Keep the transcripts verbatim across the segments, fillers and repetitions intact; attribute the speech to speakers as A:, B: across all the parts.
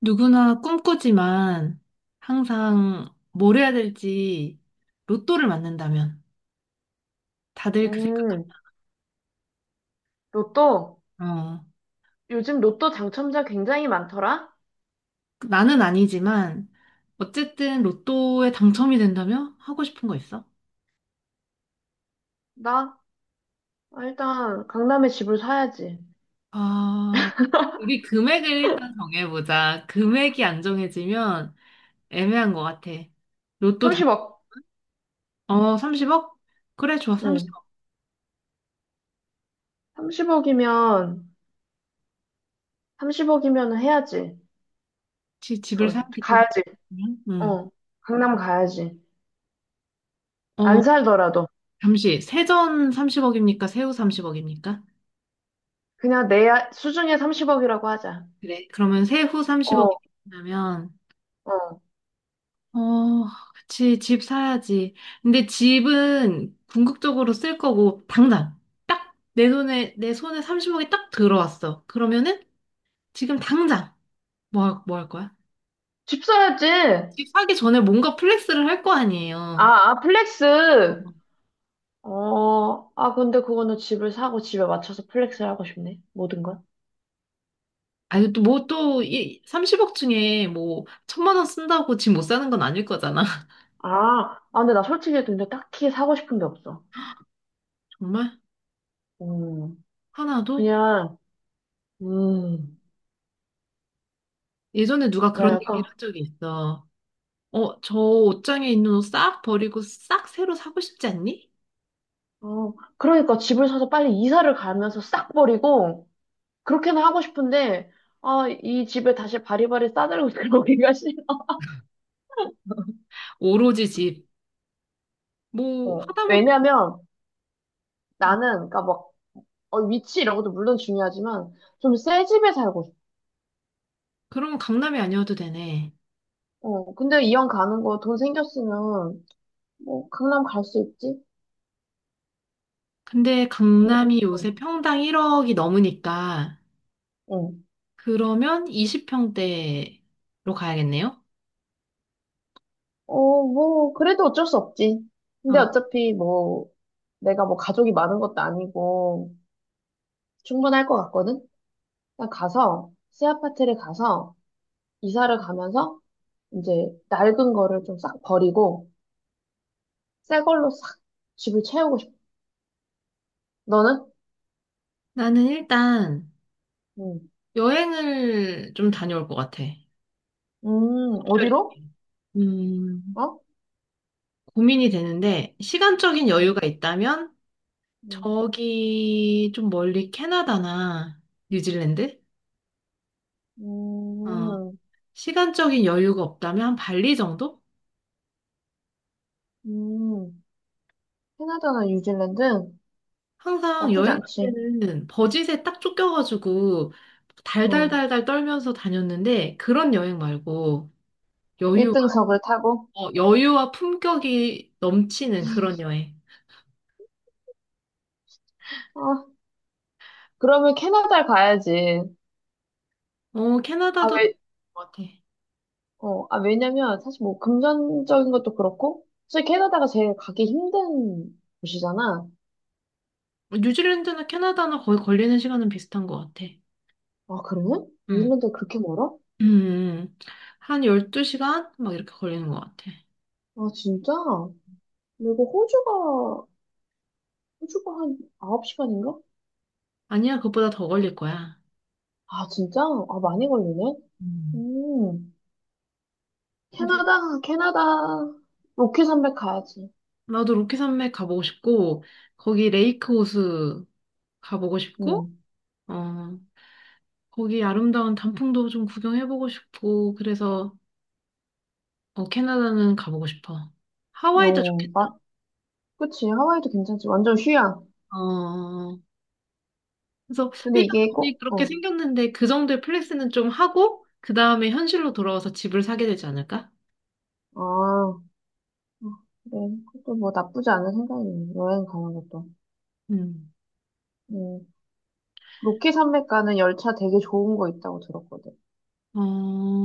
A: 누구나 꿈꾸지만 항상 뭘 해야 될지. 로또를 맞는다면 다들 그 생각,
B: 음, 로또?
A: 어,
B: 요즘 로또 당첨자 굉장히 많더라?
A: 나는 아니지만 어쨌든 로또에 당첨이 된다면 하고 싶은 거 있어?
B: 나? 아, 일단 강남에 집을 사야지.
A: 아, 우리 금액을 일단 정해보자. 금액이 안 정해지면 애매한 것 같아. 로또 당,
B: 삼십억.
A: 어, 삼십억? 그래, 좋아,
B: 응.
A: 삼십억.
B: 삼십억이면, 삼십억이면 해야지.
A: 지, 집을
B: 그거,
A: 사야겠지.
B: 가야지.
A: 응.
B: 어. 강남 가야지.
A: 어,
B: 안 살더라도.
A: 잠시, 세전 삼십억입니까? 세후 삼십억입니까?
B: 그냥 내 야- 수중에 삼십억이라고 하자.
A: 그래. 그러면 세후 삼십억이
B: 어,
A: 나면,
B: 어.
A: 어, 그치, 집 사야지. 근데 집은 궁극적으로 쓸 거고, 당장. 딱 내 손에, 내 손에 삼십억이 딱 들어왔어. 그러면은 지금 당장 뭐 할, 뭐 할 거야?
B: 집 사야지.
A: 집 사기 전에 뭔가 플렉스를 할 거 아니에요.
B: 아, 아, 플렉스. 어, 아, 근데 그거는 집을 사고 집에 맞춰서 플렉스를 하고 싶네. 모든 걸.
A: 아니, 또 뭐 또, 이 삼십억 중에 뭐, 천만 원 쓴다고 집 못 사는 건 아닐 거잖아.
B: 아, 아, 근데 나 솔직히 근데 딱히 사고 싶은 게 없어.
A: 정말?
B: 음,
A: 하나도?
B: 그냥, 음,
A: 예전에 누가
B: 나
A: 그런
B: 약간,
A: 얘기를 한 적이 있어. 어, 저 옷장에 있는 옷 싹 버리고 싹 새로 사고 싶지 않니?
B: 어, 그러니까 집을 사서 빨리 이사를 가면서 싹 버리고, 그렇게는 하고 싶은데, 아, 이 집에 다시 바리바리 싸들고 들어오기가 싫어.
A: 오로지 집. 뭐,
B: 어,
A: 하다못해.
B: 왜냐면
A: 음,
B: 나는, 그러니까 막, 어, 위치 이런 것도 물론 중요하지만, 좀 새 집에 살고 싶어.
A: 그럼 강남이 아니어도 되네.
B: 어, 근데 이왕 가는 거 돈 생겼으면, 뭐, 강남 갈 수 있지?
A: 근데
B: 응?
A: 강남이 요새 평당 일억이 넘으니까,
B: 응.
A: 그러면 이십 평대로 가야겠네요?
B: 어, 뭐, 그래도 어쩔 수 없지. 근데
A: 어,
B: 어차피 뭐, 내가 뭐 가족이 많은 것도 아니고, 충분할 것 같거든? 난 가서, 새 아파트를 가서, 이사를 가면서, 이제, 낡은 거를 좀 싹 버리고, 새 걸로 싹 집을 채우고 싶어. 너는?
A: 나는 일단
B: 응.
A: 여행을 좀 다녀올 것 같아.
B: 음,
A: 특별히
B: 어디로?
A: 음,
B: 어?
A: 고민이 되는데, 시간적인
B: 응.
A: 여유가 있다면,
B: 응.
A: 저기 좀 멀리 캐나다나 뉴질랜드?
B: 음,
A: 어,
B: 음.
A: 시간적인 여유가 없다면 한 발리 정도?
B: 음. 캐나다나 뉴질랜드?
A: 항상
B: 나쁘지
A: 여행 갈
B: 않지.
A: 때는 버짓에 딱 쫓겨가지고
B: 응.
A: 달달달달 떨면서 다녔는데 그런 여행 말고 여유가,
B: 일등석을 타고.
A: 어, 여유와 품격이 넘치는 그런 여행.
B: 아, 그러면 캐나다를 가야지.
A: 어,
B: 아,
A: 캐나다도 그런
B: 왜,
A: 것 같아.
B: 어, 아, 왜냐면 사실 뭐 금전적인 것도 그렇고, 사실 캐나다가 제일 가기 힘든 곳이잖아.
A: 뉴질랜드나 캐나다나 거의 걸리는 시간은 비슷한 것 같아.
B: 아, 그래?
A: 응.
B: 뉴질랜드 그렇게 멀어?
A: 음, 음. 한 열두 시간? 막 이렇게 걸리는 것 같아.
B: 아, 진짜? 그리고 호주가, 호주가 한 아홉 시간인가?
A: 아니야, 그것보다 더 걸릴 거야.
B: 아, 진짜? 아, 많이 걸리네?
A: 음.
B: 음, 캐나다, 캐나다, 로키 산맥 가야지.
A: 나도 로키 산맥 가보고 싶고, 거기 레이크 호수 가보고 싶고,
B: 음,
A: 어, 거기 아름다운 단풍도 좀 구경해보고 싶고, 그래서, 어, 캐나다는 가보고 싶어. 하와이도
B: 어,
A: 좋겠다.
B: 마, 그치. 하와이도 괜찮지. 완전 휴양.
A: 어, 그래서
B: 근데
A: 일단
B: 이게
A: 돈이
B: 꼭,
A: 그렇게
B: 어,
A: 생겼는데 그 정도의 플렉스는 좀 하고, 그 다음에 현실로 돌아와서 집을 사게 되지 않을까?
B: 아, 어, 그래. 그것도 뭐 나쁘지 않은 생각이네. 여행 가는 것도.
A: 음.
B: 음, 로키 산맥 가는 열차 되게 좋은 거 있다고 들었거든.
A: 어,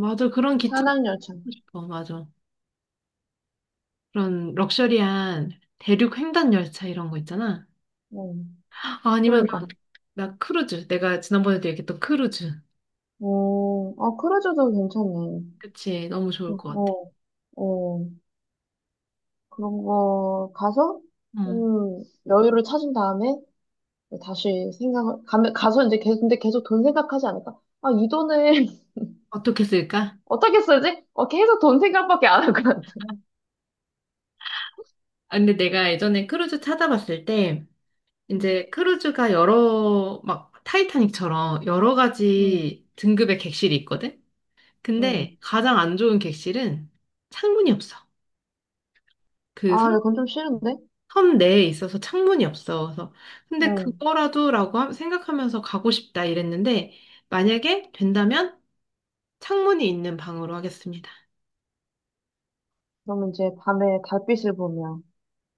A: 맞아. 그런 기차 타고
B: 산악 열차.
A: 싶어. 맞아. 그런 럭셔리한 대륙 횡단 열차 이런 거 있잖아.
B: 음,
A: 아니면
B: 그러니까.
A: 나 크루즈. 내가 지난번에도 얘기했던 크루즈.
B: 음, 어, 아, 크루즈도 괜찮네.
A: 그치. 너무 좋을 것 같아.
B: 어, 어, 그런 거 가서
A: 응.
B: 음, 여유를 찾은 다음에 다시 생각을 가 가서 이제 계속 근데 계속 돈 생각하지 않을까? 아, 이 돈을
A: 어떻게 쓸까?
B: 어떻게 쓰지? 어, 계속 돈 생각밖에 안 할 것 같아.
A: 아, 근데 내가 예전에 크루즈 찾아봤을 때,
B: 음,
A: 이제 크루즈가 여러, 막, 타이타닉처럼 여러
B: 음,
A: 가지 등급의 객실이 있거든? 근데
B: 음.
A: 가장 안 좋은 객실은 창문이 없어. 그
B: 아,
A: 섬,
B: 근데 그건 좀 싫은데?
A: 섬 내에 있어서 창문이 없어. 그래서, 근데
B: 음.
A: 그거라도라고 하- 생각하면서 가고 싶다 이랬는데, 만약에 된다면 창문이 있는 방으로 하겠습니다.
B: 그러면 이제 밤에 달빛을 보며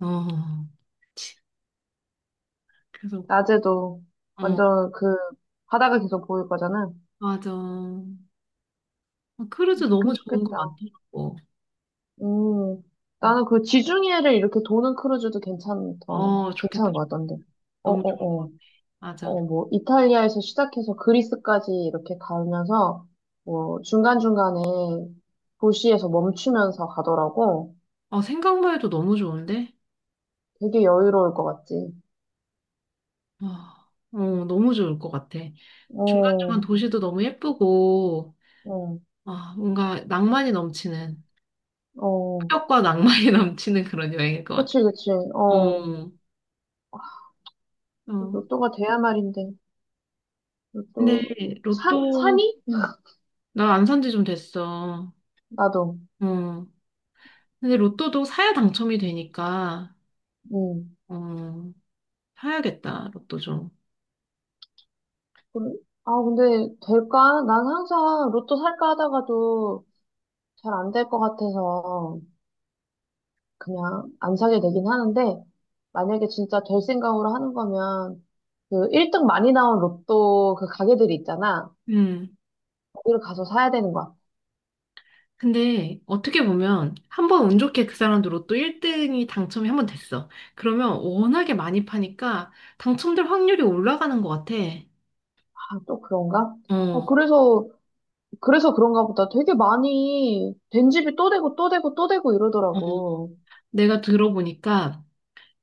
A: 어, 치, 그래서,
B: 낮에도
A: 어,
B: 완전 그 바다가 계속 보일 거잖아.
A: 맞아. 어, 크루즈 너무
B: 좋긴
A: 좋은 거
B: 좋겠다.
A: 많더라고.
B: 음,
A: 음.
B: 나는 그 지중해를 이렇게 도는 크루즈도 괜찮던,
A: 어, 좋겠다.
B: 괜찮은 것 같던데. 어,
A: 너무
B: 어,
A: 좋을 것
B: 어.
A: 같아. 맞아.
B: 어, 뭐, 이탈리아에서 시작해서 그리스까지 이렇게 가면서, 뭐, 중간중간에 도시에서 멈추면서 가더라고.
A: 어, 생각만 해도 너무 좋은데?
B: 되게 여유로울 것 같지.
A: 어, 어, 너무 좋을 것 같아. 중간중간
B: 어,
A: 도시도 너무 예쁘고,
B: 어,
A: 아, 뭔가 낭만이 넘치는,
B: 어.
A: 폭력과 낭만이 넘치는 그런 여행일 것 같아.
B: 그치, 그치. 어.
A: 어, 어.
B: 로또가 돼야 말인데.
A: 근데
B: 로또, 산,
A: 로또,
B: 산이?
A: 나 안 산지 좀 됐어.
B: 나도.
A: 어. 근데 로또도 사야 당첨이 되니까,
B: 음.
A: 어, 사야겠다, 로또 좀.
B: 근- 아, 근데 될까? 난 항상 로또 살까 하다가도 잘 안 될 것 같아서 그냥 안 사게 되긴 하는데 만약에 진짜 될 생각으로 하는 거면 그 일 등 많이 나온 로또 그 가게들이 있잖아.
A: 음.
B: 거기를 가서 사야 되는 거야.
A: 근데 어떻게 보면 한 번 운 좋게 그 사람도 로또 일 등이 당첨이 한 번 됐어. 그러면 워낙에 많이 파니까 당첨될 확률이 올라가는 것 같아.
B: 아, 또 그런가? 어,
A: 어,
B: 그래서, 그래서 그런가 보다. 되게 많이 된 집이 또 되고 또 되고 또 되고
A: 어.
B: 이러더라고.
A: 내가 들어보니까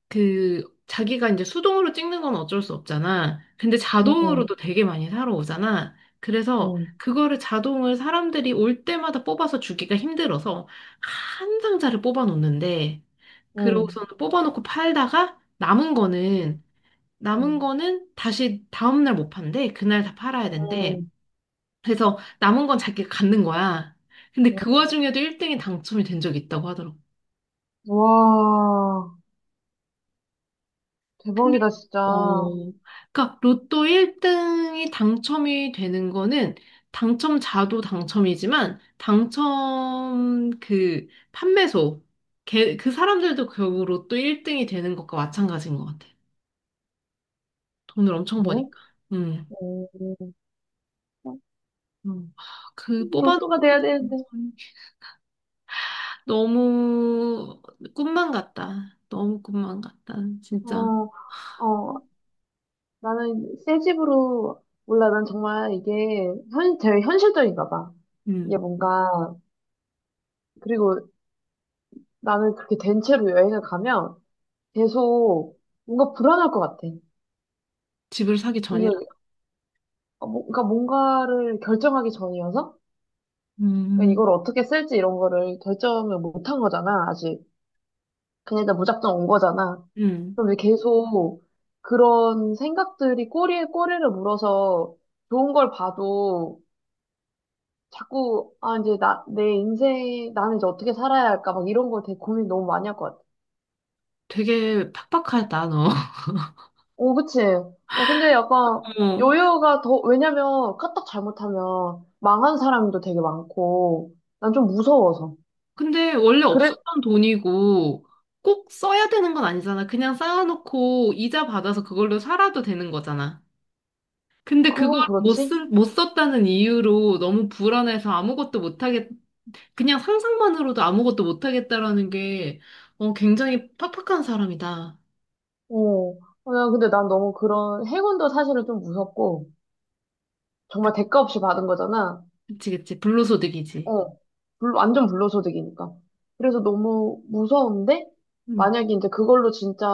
A: 그 자기가 이제 수동으로 찍는 건 어쩔 수 없잖아. 근데
B: 응, 응,
A: 자동으로도 되게 많이 사러 오잖아. 그래서
B: 응,
A: 그거를 자동을 사람들이 올 때마다 뽑아서 주기가 힘들어서 한 상자를 뽑아 놓는데
B: 응,
A: 그러고서는 뽑아 놓고 팔다가 남은
B: 응,
A: 거는 남은
B: 응,
A: 거는 다시 다음 날 못 판대. 그날 다 팔아야 된대.
B: 응.
A: 그래서 남은 건 자기가 갖는 거야. 근데 그
B: 응.
A: 와중에도 일 등이 당첨이 된 적이 있다고 하더라고.
B: 와,
A: 근데
B: 대박이다, 진짜.
A: 어, 그러니까 로또 일 등이 당첨이 되는 거는 당첨자도 당첨이지만 당첨 그 판매소 걔, 그 사람들도 결국 로또 일 등이 되는 것과 마찬가지인 것 같아. 돈을 엄청
B: 네?
A: 버니까. 음.
B: 오,
A: 음. 그
B: 로또가
A: 뽑아놓은 거에
B: 돼야 되는데.
A: 당첨이 너무 꿈만 같다. 너무 꿈만 같다. 진짜.
B: 어, 어, 나는 새 집으로, 몰라, 난 정말 이게 현, 되게 현실적인가 봐. 이게
A: 음.
B: 뭔가, 그리고 나는 그렇게 된 채로 여행을 가면 계속 뭔가 불안할 것 같아.
A: 집을 사기 전이라.
B: 이거, 어, 뭐- 그러니까 뭔가를 결정하기 전이어서? 그러니까
A: 음.
B: 이걸 어떻게 쓸지 이런 거를 결정을 못한 거잖아, 아직. 그냥 일단 무작정 온 거잖아.
A: 음.
B: 그럼 왜 계속 그런 생각들이 꼬리에 꼬리를 물어서 좋은 걸 봐도 자꾸, 아, 이제 나, 내 인생, 나는 이제 어떻게 살아야 할까, 막 이런 거 되게 고민 너무 많이 할 것 같아.
A: 되게 팍팍하다, 너.
B: 오 그치? 어, 근데 약간
A: 어.
B: 여유가 더, 왜냐면 까딱 잘못하면 망한 사람도 되게 많고, 난 좀 무서워서.
A: 근데 원래
B: 그래,
A: 없었던 돈이고 꼭 써야 되는 건 아니잖아. 그냥 쌓아놓고 이자 받아서 그걸로 살아도 되는 거잖아. 근데 그걸
B: 그건
A: 못
B: 그렇지?
A: 쓴, 못 썼다는 이유로 너무 불안해서 아무것도 못 하겠, 그냥 상상만으로도 아무것도 못 하겠다라는 게 어, 굉장히 팍팍한 사람이다.
B: 어. 어, 근데 난 너무 그런, 행운도 사실은 좀 무섭고, 정말 대가 없이 받은 거잖아.
A: 그치, 그치. 불로소득이지.
B: 어, 불- 완전 불로소득이니까. 그래서 너무 무서운데,
A: 음.
B: 만약에 이제 그걸로 진짜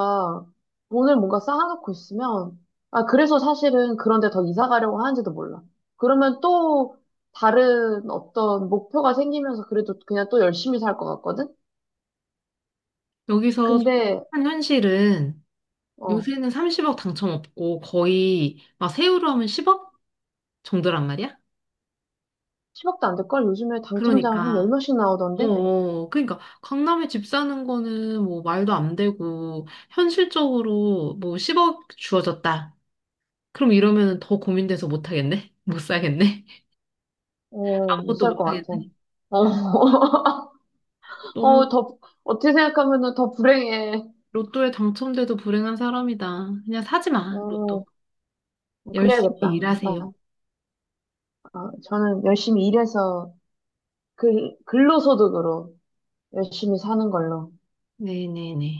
B: 돈을 뭔가 쌓아놓고 있으면, 아, 그래서 사실은 그런데 더 이사 가려고 하는지도 몰라. 그러면 또 다른 어떤 목표가 생기면서 그래도 그냥 또 열심히 살 것 같거든?
A: 여기서
B: 근데,
A: 한 현실은
B: 어,
A: 요새는 삼십억 당첨 없고 거의 막 세후로 하면 십억 정도란 말이야?
B: 십억도 안 될걸? 요즘에 당첨자 한 열
A: 그러니까
B: 몇씩
A: 어,
B: 나오던데?
A: 어. 그러니까 강남에 집 사는 거는 뭐 말도 안 되고 현실적으로 뭐 십억 주어졌다. 그럼 이러면 더 고민돼서 못 하겠네? 못 사겠네?
B: 어, 못
A: 아무것도
B: 살
A: 못
B: 것 같아.
A: 하겠네?
B: 어,
A: 너무
B: 어, 더, 어떻게 생각하면은 더 불행해.
A: 로또에 당첨돼도 불행한 사람이다. 그냥 사지 마, 로또.
B: 어.
A: 열심히
B: 그래야겠다. 나,
A: 일하세요.
B: 어, 저는 열심히 일해서 글, 근로소득으로 열심히 사는 걸로.
A: 네네네.